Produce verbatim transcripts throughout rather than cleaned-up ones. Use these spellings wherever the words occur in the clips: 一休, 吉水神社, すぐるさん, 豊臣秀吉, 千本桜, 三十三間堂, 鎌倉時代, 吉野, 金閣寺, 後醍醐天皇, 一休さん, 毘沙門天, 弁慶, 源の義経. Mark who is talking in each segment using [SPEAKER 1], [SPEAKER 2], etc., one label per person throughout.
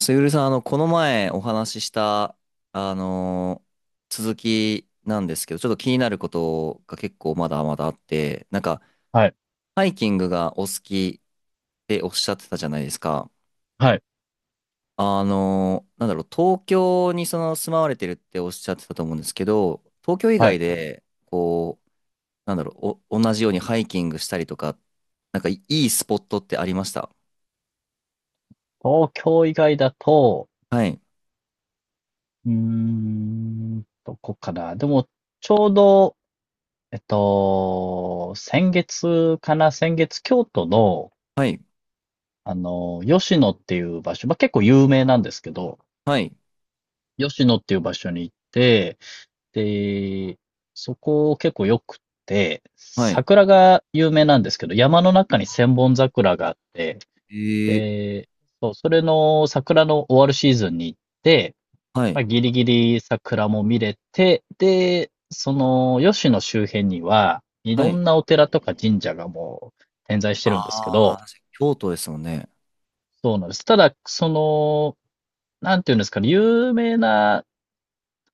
[SPEAKER 1] すゆるさん、あの、この前お話しした、あのー続きなんですけど、ちょっと気になることが結構まだまだあって、なんか、
[SPEAKER 2] はい、
[SPEAKER 1] ハイキングがお好きっておっしゃってたじゃないですか。
[SPEAKER 2] はい、
[SPEAKER 1] あのーなんだろう、東京にその住まわれてるっておっしゃってたと思うんですけど、東京以
[SPEAKER 2] は
[SPEAKER 1] 外
[SPEAKER 2] い。
[SPEAKER 1] で、こう、なんだろう、お、同じようにハイキングしたりとか、なんかいいいスポットってありました？
[SPEAKER 2] 東京以外だと、
[SPEAKER 1] はい、
[SPEAKER 2] うーん、どこかな。でも、ちょうど、えっと、先月かな、先月、京都の、
[SPEAKER 1] はい、
[SPEAKER 2] あの、吉野っていう場所、まあ、結構有名なんですけど、
[SPEAKER 1] はい、
[SPEAKER 2] 吉野っていう場所に行って、で、そこ結構良くて、
[SPEAKER 1] はい、
[SPEAKER 2] 桜が有名なんですけど、山の中に千本桜があって、
[SPEAKER 1] えー、
[SPEAKER 2] で、そう、それの桜の終わるシーズンに行って、
[SPEAKER 1] は
[SPEAKER 2] ま
[SPEAKER 1] い、
[SPEAKER 2] あ、ギリギリ桜も見れて、で、その、吉野周辺には、い
[SPEAKER 1] は
[SPEAKER 2] ろん
[SPEAKER 1] い。
[SPEAKER 2] なお寺とか神社がもう点在してるんですけど、
[SPEAKER 1] ああ、京都ですもんね。
[SPEAKER 2] そうなんです。ただ、その、なんていうんですかね、有名な、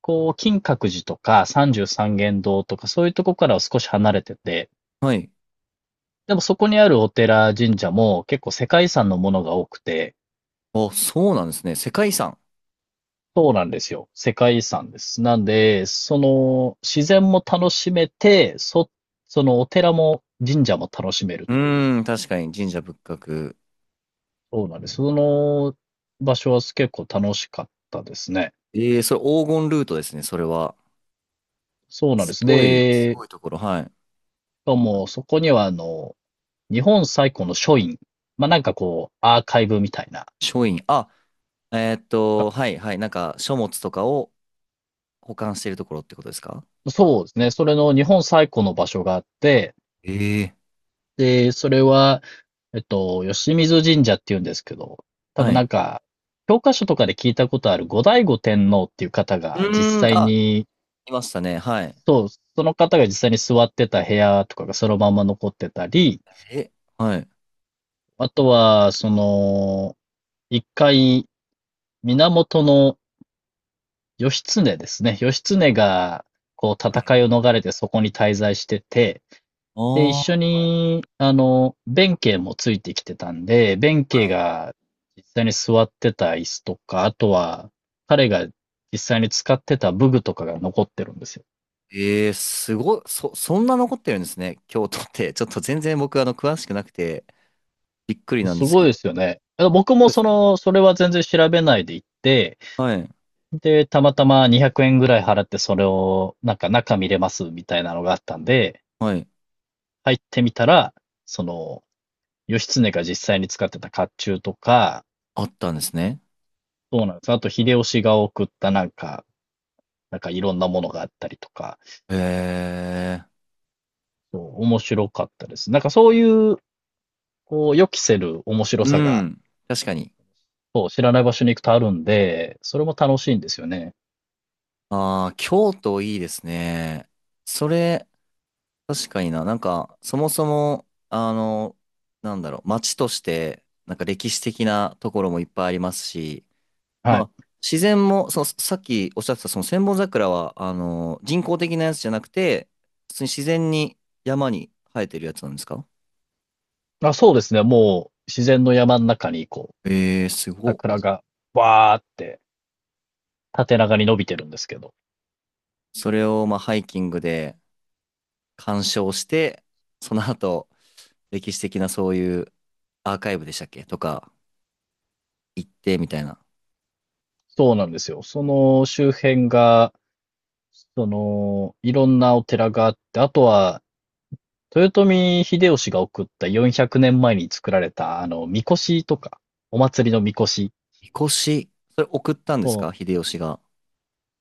[SPEAKER 2] こう、金閣寺とか三十三間堂とか、そういうとこからは少し離れてて、
[SPEAKER 1] はい。
[SPEAKER 2] でもそこにあるお寺、神社も結構世界遺産のものが多くて、
[SPEAKER 1] あ、そうなんですね。世界遺産。
[SPEAKER 2] そうなんですよ。世界遺産です。なんで、その、自然も楽しめて、そ、そのお寺も神社も楽しめる
[SPEAKER 1] う
[SPEAKER 2] っていう。
[SPEAKER 1] ーん、確かに神社仏閣。
[SPEAKER 2] そうなんです。その場所は結構楽しかったですね。
[SPEAKER 1] ええそれ黄金ルートですね、それは。
[SPEAKER 2] そうなんで
[SPEAKER 1] す
[SPEAKER 2] す。
[SPEAKER 1] ごい、す
[SPEAKER 2] で、し
[SPEAKER 1] ごいところ。はい。
[SPEAKER 2] かもそこにはあの、日本最古の書院。まあ、なんかこう、アーカイブみたいな。
[SPEAKER 1] 書院。あ、えーっと、
[SPEAKER 2] あ、
[SPEAKER 1] はい、はい。なんか、書物とかを保管しているところってことですか？
[SPEAKER 2] そうですね。それの日本最古の場所があって、
[SPEAKER 1] ええ
[SPEAKER 2] で、それは、えっと、吉水神社っていうんですけど、多
[SPEAKER 1] は
[SPEAKER 2] 分な
[SPEAKER 1] い。
[SPEAKER 2] んか、教科書とかで聞いたことある後醍醐天皇っていう方
[SPEAKER 1] う
[SPEAKER 2] が実
[SPEAKER 1] ーん、
[SPEAKER 2] 際
[SPEAKER 1] あ、
[SPEAKER 2] に、
[SPEAKER 1] いましたね。はい。
[SPEAKER 2] そう、その方が実際に座ってた部屋とかがそのまま残ってたり、
[SPEAKER 1] え、はい。
[SPEAKER 2] あとは、その、一回、源の義経ですね。義経が、こう、戦いを逃れてそこに滞在してて、
[SPEAKER 1] あ
[SPEAKER 2] で、一緒
[SPEAKER 1] あ、
[SPEAKER 2] に、あの、弁慶もついてきてたんで、弁慶が実際に座ってた椅子とか、あとは、彼が実際に使ってた武具とかが残ってるんですよ。
[SPEAKER 1] ええすごい。そ、そんな残ってるんですね、京都って。ちょっと全然僕、あの、詳しくなくて、びっくりなんで
[SPEAKER 2] す
[SPEAKER 1] すけ
[SPEAKER 2] ごいで
[SPEAKER 1] ど。す
[SPEAKER 2] すよね。あの僕
[SPEAKER 1] ご
[SPEAKER 2] も
[SPEAKER 1] いで
[SPEAKER 2] そ
[SPEAKER 1] すね。
[SPEAKER 2] の、それは全然調べないで行って、
[SPEAKER 1] はい。
[SPEAKER 2] で、たまたまにひゃくえんぐらい払ってそれを、なんか中見れますみたいなのがあったんで、
[SPEAKER 1] はい。
[SPEAKER 2] 入ってみたら、その、義経が実際に使ってた甲冑とか、
[SPEAKER 1] あったんですね。
[SPEAKER 2] そうなんです。あと、秀吉が送ったなんか、なんかいろんなものがあったりとか、
[SPEAKER 1] へえ。
[SPEAKER 2] そう、面白かったです。なんかそういう、こう、予期せる面白
[SPEAKER 1] う
[SPEAKER 2] さが、
[SPEAKER 1] ん。確かに。
[SPEAKER 2] そう、知らない場所に行くとあるんで、それも楽しいんですよね。
[SPEAKER 1] ああ、京都いいですね。それ、確かにな。なんか、そもそも、あの、なんだろう、街として、なんか歴史的なところもいっぱいありますし、
[SPEAKER 2] は
[SPEAKER 1] ま
[SPEAKER 2] い。
[SPEAKER 1] あ、自然も、その、さっきおっしゃってた、その千本桜は、あの、人工的なやつじゃなくて、普通に自然に山に生えてるやつなんですか？
[SPEAKER 2] あ、そうですね。もう、自然の山の中に、こう、
[SPEAKER 1] ええー、すごっ。
[SPEAKER 2] 桜が、わーって、縦長に伸びてるんですけど。
[SPEAKER 1] それを、まあ、ハイキングで、鑑賞して、その後、歴史的なそういうアーカイブでしたっけとか行ってみたいな。
[SPEAKER 2] そうなんですよ。その周辺が、その、いろんなお寺があって、あとは、豊臣秀吉が送ったよんひゃくねんまえに作られた、あの、神輿とか、お祭りの神輿
[SPEAKER 1] みこし、それ送ったんですか
[SPEAKER 2] を。
[SPEAKER 1] 秀吉が？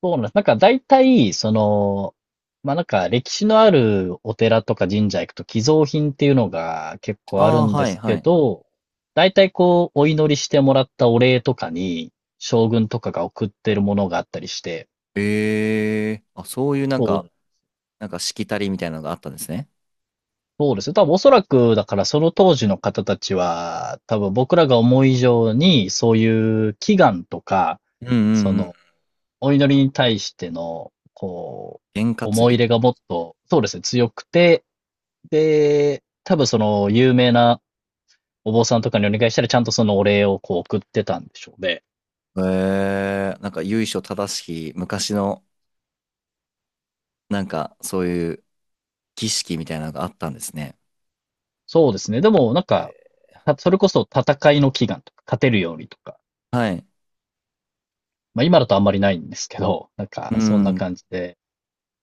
[SPEAKER 2] そうなんです。なんか大体、その、まあなんか歴史のあるお寺とか神社行くと寄贈品っていうのが結
[SPEAKER 1] あ
[SPEAKER 2] 構ある
[SPEAKER 1] あ、
[SPEAKER 2] んで
[SPEAKER 1] はい
[SPEAKER 2] す
[SPEAKER 1] は
[SPEAKER 2] け
[SPEAKER 1] い。
[SPEAKER 2] ど、大体こうお祈りしてもらったお礼とかに将軍とかが送ってるものがあったりして、
[SPEAKER 1] ええあ、そういうなん
[SPEAKER 2] そ
[SPEAKER 1] か、
[SPEAKER 2] う、
[SPEAKER 1] なんかしきたりみたいなのがあったんですね。
[SPEAKER 2] そうですね。多分おそらくだからその当時の方たちは多分僕らが思う以上にそういう祈願とか、
[SPEAKER 1] うんうん
[SPEAKER 2] そ
[SPEAKER 1] うん。
[SPEAKER 2] のお祈りに対してのこ
[SPEAKER 1] 験
[SPEAKER 2] う
[SPEAKER 1] 担
[SPEAKER 2] 思い入
[SPEAKER 1] ぎ。
[SPEAKER 2] れがもっと、そうですね、強くて、で、多分その有名なお坊さんとかにお願いしたらちゃんとそのお礼をこう送ってたんでしょうね。
[SPEAKER 1] ええなんか由緒正しき昔の、なんかそういう儀式みたいなのがあったんですね。
[SPEAKER 2] そうですね。でもなんか、たそれこそ戦いの祈願とか、勝てるようにとか、
[SPEAKER 1] はい。
[SPEAKER 2] まあ今だとあんまりないんですけど、なん
[SPEAKER 1] う
[SPEAKER 2] かそんな
[SPEAKER 1] ん。
[SPEAKER 2] 感じで、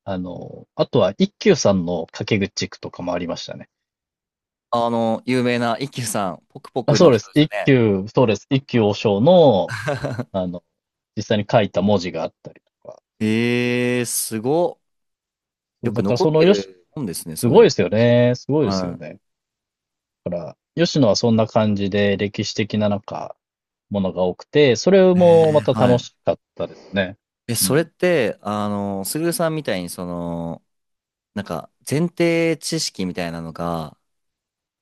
[SPEAKER 2] あの、あとは一休さんの掛け口句とかもありましたね。
[SPEAKER 1] あの、有名な一休さん、ポクポ
[SPEAKER 2] あ、
[SPEAKER 1] クの
[SPEAKER 2] そうで
[SPEAKER 1] 人
[SPEAKER 2] す。
[SPEAKER 1] ですよ
[SPEAKER 2] 一
[SPEAKER 1] ね。
[SPEAKER 2] 休、そうです。一休和尚の、あの、実際に書いた文字があったりとか。
[SPEAKER 1] ええー、すごっ。
[SPEAKER 2] そ
[SPEAKER 1] よ
[SPEAKER 2] う、
[SPEAKER 1] く
[SPEAKER 2] だから
[SPEAKER 1] 残っ
[SPEAKER 2] その
[SPEAKER 1] て
[SPEAKER 2] よし、
[SPEAKER 1] る本ですね、
[SPEAKER 2] す
[SPEAKER 1] そうい
[SPEAKER 2] ご
[SPEAKER 1] う
[SPEAKER 2] い
[SPEAKER 1] の。
[SPEAKER 2] ですよね。すごいですよ
[SPEAKER 1] は
[SPEAKER 2] ね。だから、吉野はそんな感じで歴史的ななんか、ものが多くて、それ
[SPEAKER 1] い。え
[SPEAKER 2] も
[SPEAKER 1] え
[SPEAKER 2] また
[SPEAKER 1] は
[SPEAKER 2] 楽
[SPEAKER 1] い。
[SPEAKER 2] しかったですね。
[SPEAKER 1] え、
[SPEAKER 2] う
[SPEAKER 1] それっ
[SPEAKER 2] ん。
[SPEAKER 1] て、あの、すぐるさんみたいに、その、なんか、前提知識みたいなのが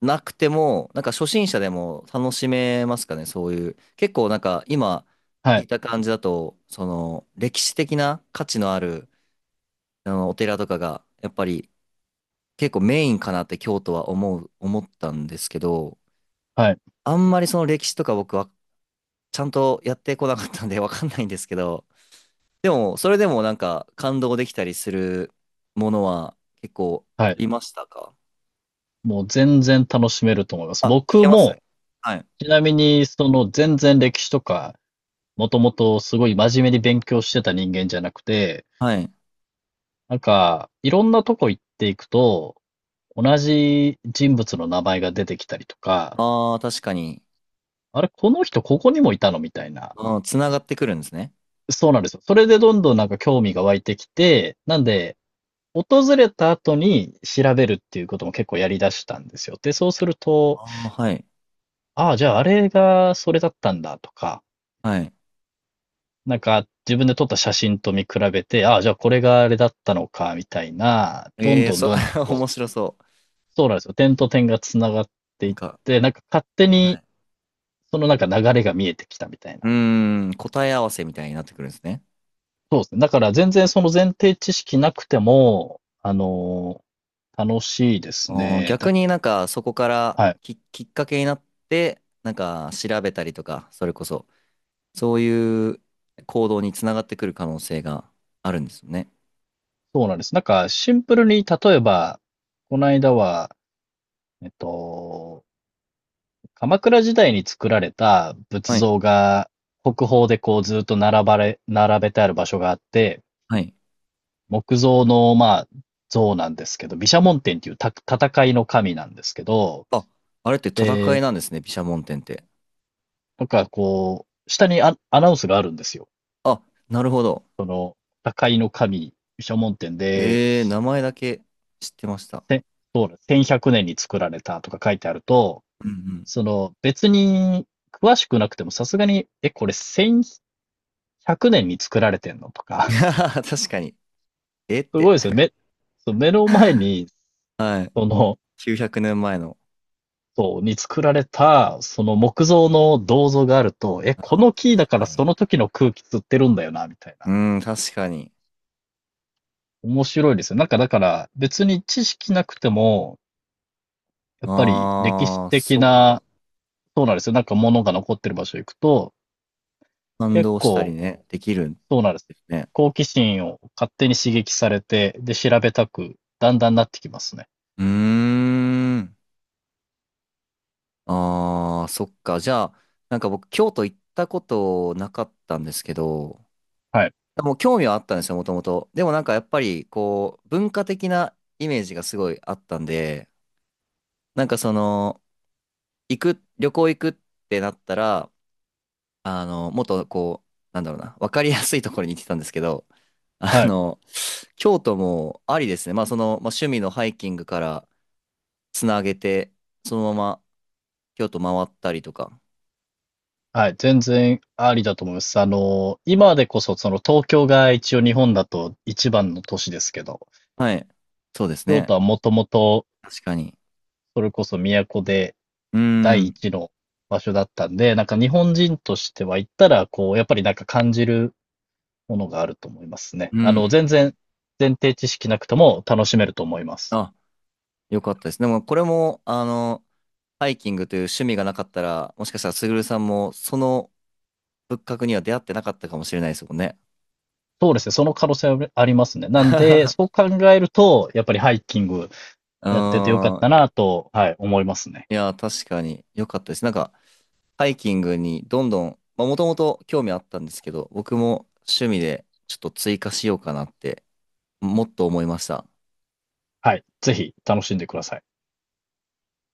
[SPEAKER 1] なくても、なんか初心者でも楽しめますかね、そういう。結構なんか、今、
[SPEAKER 2] は
[SPEAKER 1] 聞い
[SPEAKER 2] い。
[SPEAKER 1] た感じだと、その、歴史的な価値のある、あの、お寺とかが、やっぱり、結構メインかなって京都は思う、思ったんですけど、
[SPEAKER 2] はい。
[SPEAKER 1] あんまりその歴史とか僕はちゃんとやってこなかったんで わかんないんですけど、でも、それでもなんか感動できたりするものは結構
[SPEAKER 2] は
[SPEAKER 1] あ
[SPEAKER 2] い。
[SPEAKER 1] りましたか？
[SPEAKER 2] もう全然楽しめると思います。
[SPEAKER 1] あ、い
[SPEAKER 2] 僕
[SPEAKER 1] けます
[SPEAKER 2] も、
[SPEAKER 1] はい。
[SPEAKER 2] ちなみに、その全然歴史とか、もともとすごい真面目に勉強してた人間じゃなくて、
[SPEAKER 1] はい。
[SPEAKER 2] なんか、いろんなとこ行っていくと、同じ人物の名前が出てきたりとか、
[SPEAKER 1] ああ、確かに。
[SPEAKER 2] あれ、この人ここにもいたのみたいな。
[SPEAKER 1] うん、つながってくるんですね。
[SPEAKER 2] そうなんですよ。それでどんどんなんか興味が湧いてきて、なんで、訪れた後に調べるっていうことも結構やりだしたんですよ。で、そうする
[SPEAKER 1] あ
[SPEAKER 2] と、
[SPEAKER 1] あ、はい。
[SPEAKER 2] ああ、じゃああれがそれだったんだとか、
[SPEAKER 1] はい。
[SPEAKER 2] なんか自分で撮った写真と見比べて、ああ、じゃあこれがあれだったのか、みたいな、どん
[SPEAKER 1] ええー、
[SPEAKER 2] どん
[SPEAKER 1] そ、
[SPEAKER 2] どんどん
[SPEAKER 1] 面
[SPEAKER 2] こう、
[SPEAKER 1] 白そう。
[SPEAKER 2] そうなんですよ。点と点がつながって
[SPEAKER 1] な
[SPEAKER 2] い
[SPEAKER 1] ん
[SPEAKER 2] っ
[SPEAKER 1] か、
[SPEAKER 2] て、なんか勝手
[SPEAKER 1] は
[SPEAKER 2] に
[SPEAKER 1] い。
[SPEAKER 2] そのなんか流れが見えてきたみたい
[SPEAKER 1] う
[SPEAKER 2] な。
[SPEAKER 1] ーん、答え合わせみたいになってくるんですね。
[SPEAKER 2] そうですね。だから全然その前提知識なくても、あのー楽しいです
[SPEAKER 1] あー
[SPEAKER 2] ね。だ、
[SPEAKER 1] 逆になんかそこから
[SPEAKER 2] はい。
[SPEAKER 1] き、きっかけになって、なんか調べたりとか、それこそ。そういう行動につながってくる可能性があるんですよね。
[SPEAKER 2] そうなんです。なんかシンプルに、例えば、この間は、えっと、鎌倉時代に作られた仏
[SPEAKER 1] はい。
[SPEAKER 2] 像が国宝でこうずっと並ばれ、並べてある場所があって、
[SPEAKER 1] はい。
[SPEAKER 2] 木造の、まあ、像なんですけど、毘沙門天っていうた戦いの神なんですけど、
[SPEAKER 1] あ、あれって戦い
[SPEAKER 2] で、
[SPEAKER 1] なんですね、毘沙門天って。
[SPEAKER 2] なんかこう、下にア、アナウンスがあるんですよ。
[SPEAKER 1] あ、なるほど。
[SPEAKER 2] その、破壊の神、諸門店で、
[SPEAKER 1] えー、名前だけ知ってました。
[SPEAKER 2] せそうだ、せんひゃくねんに作られたとか書いてあると、
[SPEAKER 1] うん
[SPEAKER 2] その、別に詳しくなくてもさすがに、え、これせんひゃくねんに作られてんのと
[SPEAKER 1] うん。
[SPEAKER 2] か、
[SPEAKER 1] 確かに。えっ
[SPEAKER 2] すご
[SPEAKER 1] て。
[SPEAKER 2] いですよ。目、そう、目の前 に、
[SPEAKER 1] はい。
[SPEAKER 2] その、
[SPEAKER 1] きゅうひゃくねんまえの。
[SPEAKER 2] そう、に作られた、その木造の銅像があると、え、
[SPEAKER 1] あ
[SPEAKER 2] こ
[SPEAKER 1] ー
[SPEAKER 2] の木だ
[SPEAKER 1] 確
[SPEAKER 2] から
[SPEAKER 1] か
[SPEAKER 2] そ
[SPEAKER 1] に。
[SPEAKER 2] の時の空気吸ってるんだよな、みたいな。
[SPEAKER 1] うん、確かに。
[SPEAKER 2] 面白いですよ。なんかだから、別に知識なくても、やっぱり歴史
[SPEAKER 1] あー、
[SPEAKER 2] 的
[SPEAKER 1] そっか。
[SPEAKER 2] な。そうなんですよ。なんか物が残ってる場所行くと、
[SPEAKER 1] 感
[SPEAKER 2] 結
[SPEAKER 1] 動したり
[SPEAKER 2] 構、
[SPEAKER 1] ね、できるん
[SPEAKER 2] そうなんです。
[SPEAKER 1] ですね。
[SPEAKER 2] 好奇心を勝手に刺激されて、で、調べたく、だんだんなってきますね。
[SPEAKER 1] うーん。ああ、そっか。じゃあ、なんか僕、京都行ったことなかったんですけど、
[SPEAKER 2] はい。
[SPEAKER 1] もう興味はあったんですよ、もともと。でもなんかやっぱり、こう、文化的なイメージがすごいあったんで、なんかその、行く、旅行行くってなったら、あの、もっとこう、なんだろうな、わかりやすいところに行ってたんですけど、あ
[SPEAKER 2] はい。
[SPEAKER 1] の、京都もありですね。まあその、まあ、趣味のハイキングからつなげて、そのまま京都回ったりとか。
[SPEAKER 2] はい。全然ありだと思います。あの、今でこそ、その東京が一応日本だと一番の都市ですけど、
[SPEAKER 1] はい、そうです
[SPEAKER 2] 京都
[SPEAKER 1] ね。
[SPEAKER 2] はもともと、
[SPEAKER 1] 確かに。
[SPEAKER 2] それこそ都で
[SPEAKER 1] うー
[SPEAKER 2] 第
[SPEAKER 1] ん。
[SPEAKER 2] 一の場所だったんで、なんか日本人としては行ったら、こう、やっぱりなんか感じるものがあると思いますね。
[SPEAKER 1] う
[SPEAKER 2] あ
[SPEAKER 1] ん。
[SPEAKER 2] の、全然前提知識なくても楽しめると思います。
[SPEAKER 1] あ、よかったです。でも、これも、あの、ハイキングという趣味がなかったら、もしかしたら、すぐるさんも、その仏閣には出会ってなかったかもしれないですもんね。
[SPEAKER 2] そうですね。その可能性はありますね。なんで、そ う考えると、やっぱりハイキング
[SPEAKER 1] う
[SPEAKER 2] やっててよかっ
[SPEAKER 1] ー
[SPEAKER 2] た
[SPEAKER 1] ん。
[SPEAKER 2] なと、はい、思いますね。
[SPEAKER 1] いや、確かに、よかったです。なんか、ハイキングにどんどん、まあ、もともと興味あったんですけど、僕も趣味で、ちょっと追加しようかなって、もっと思いました。
[SPEAKER 2] はい。ぜひ楽しんでください。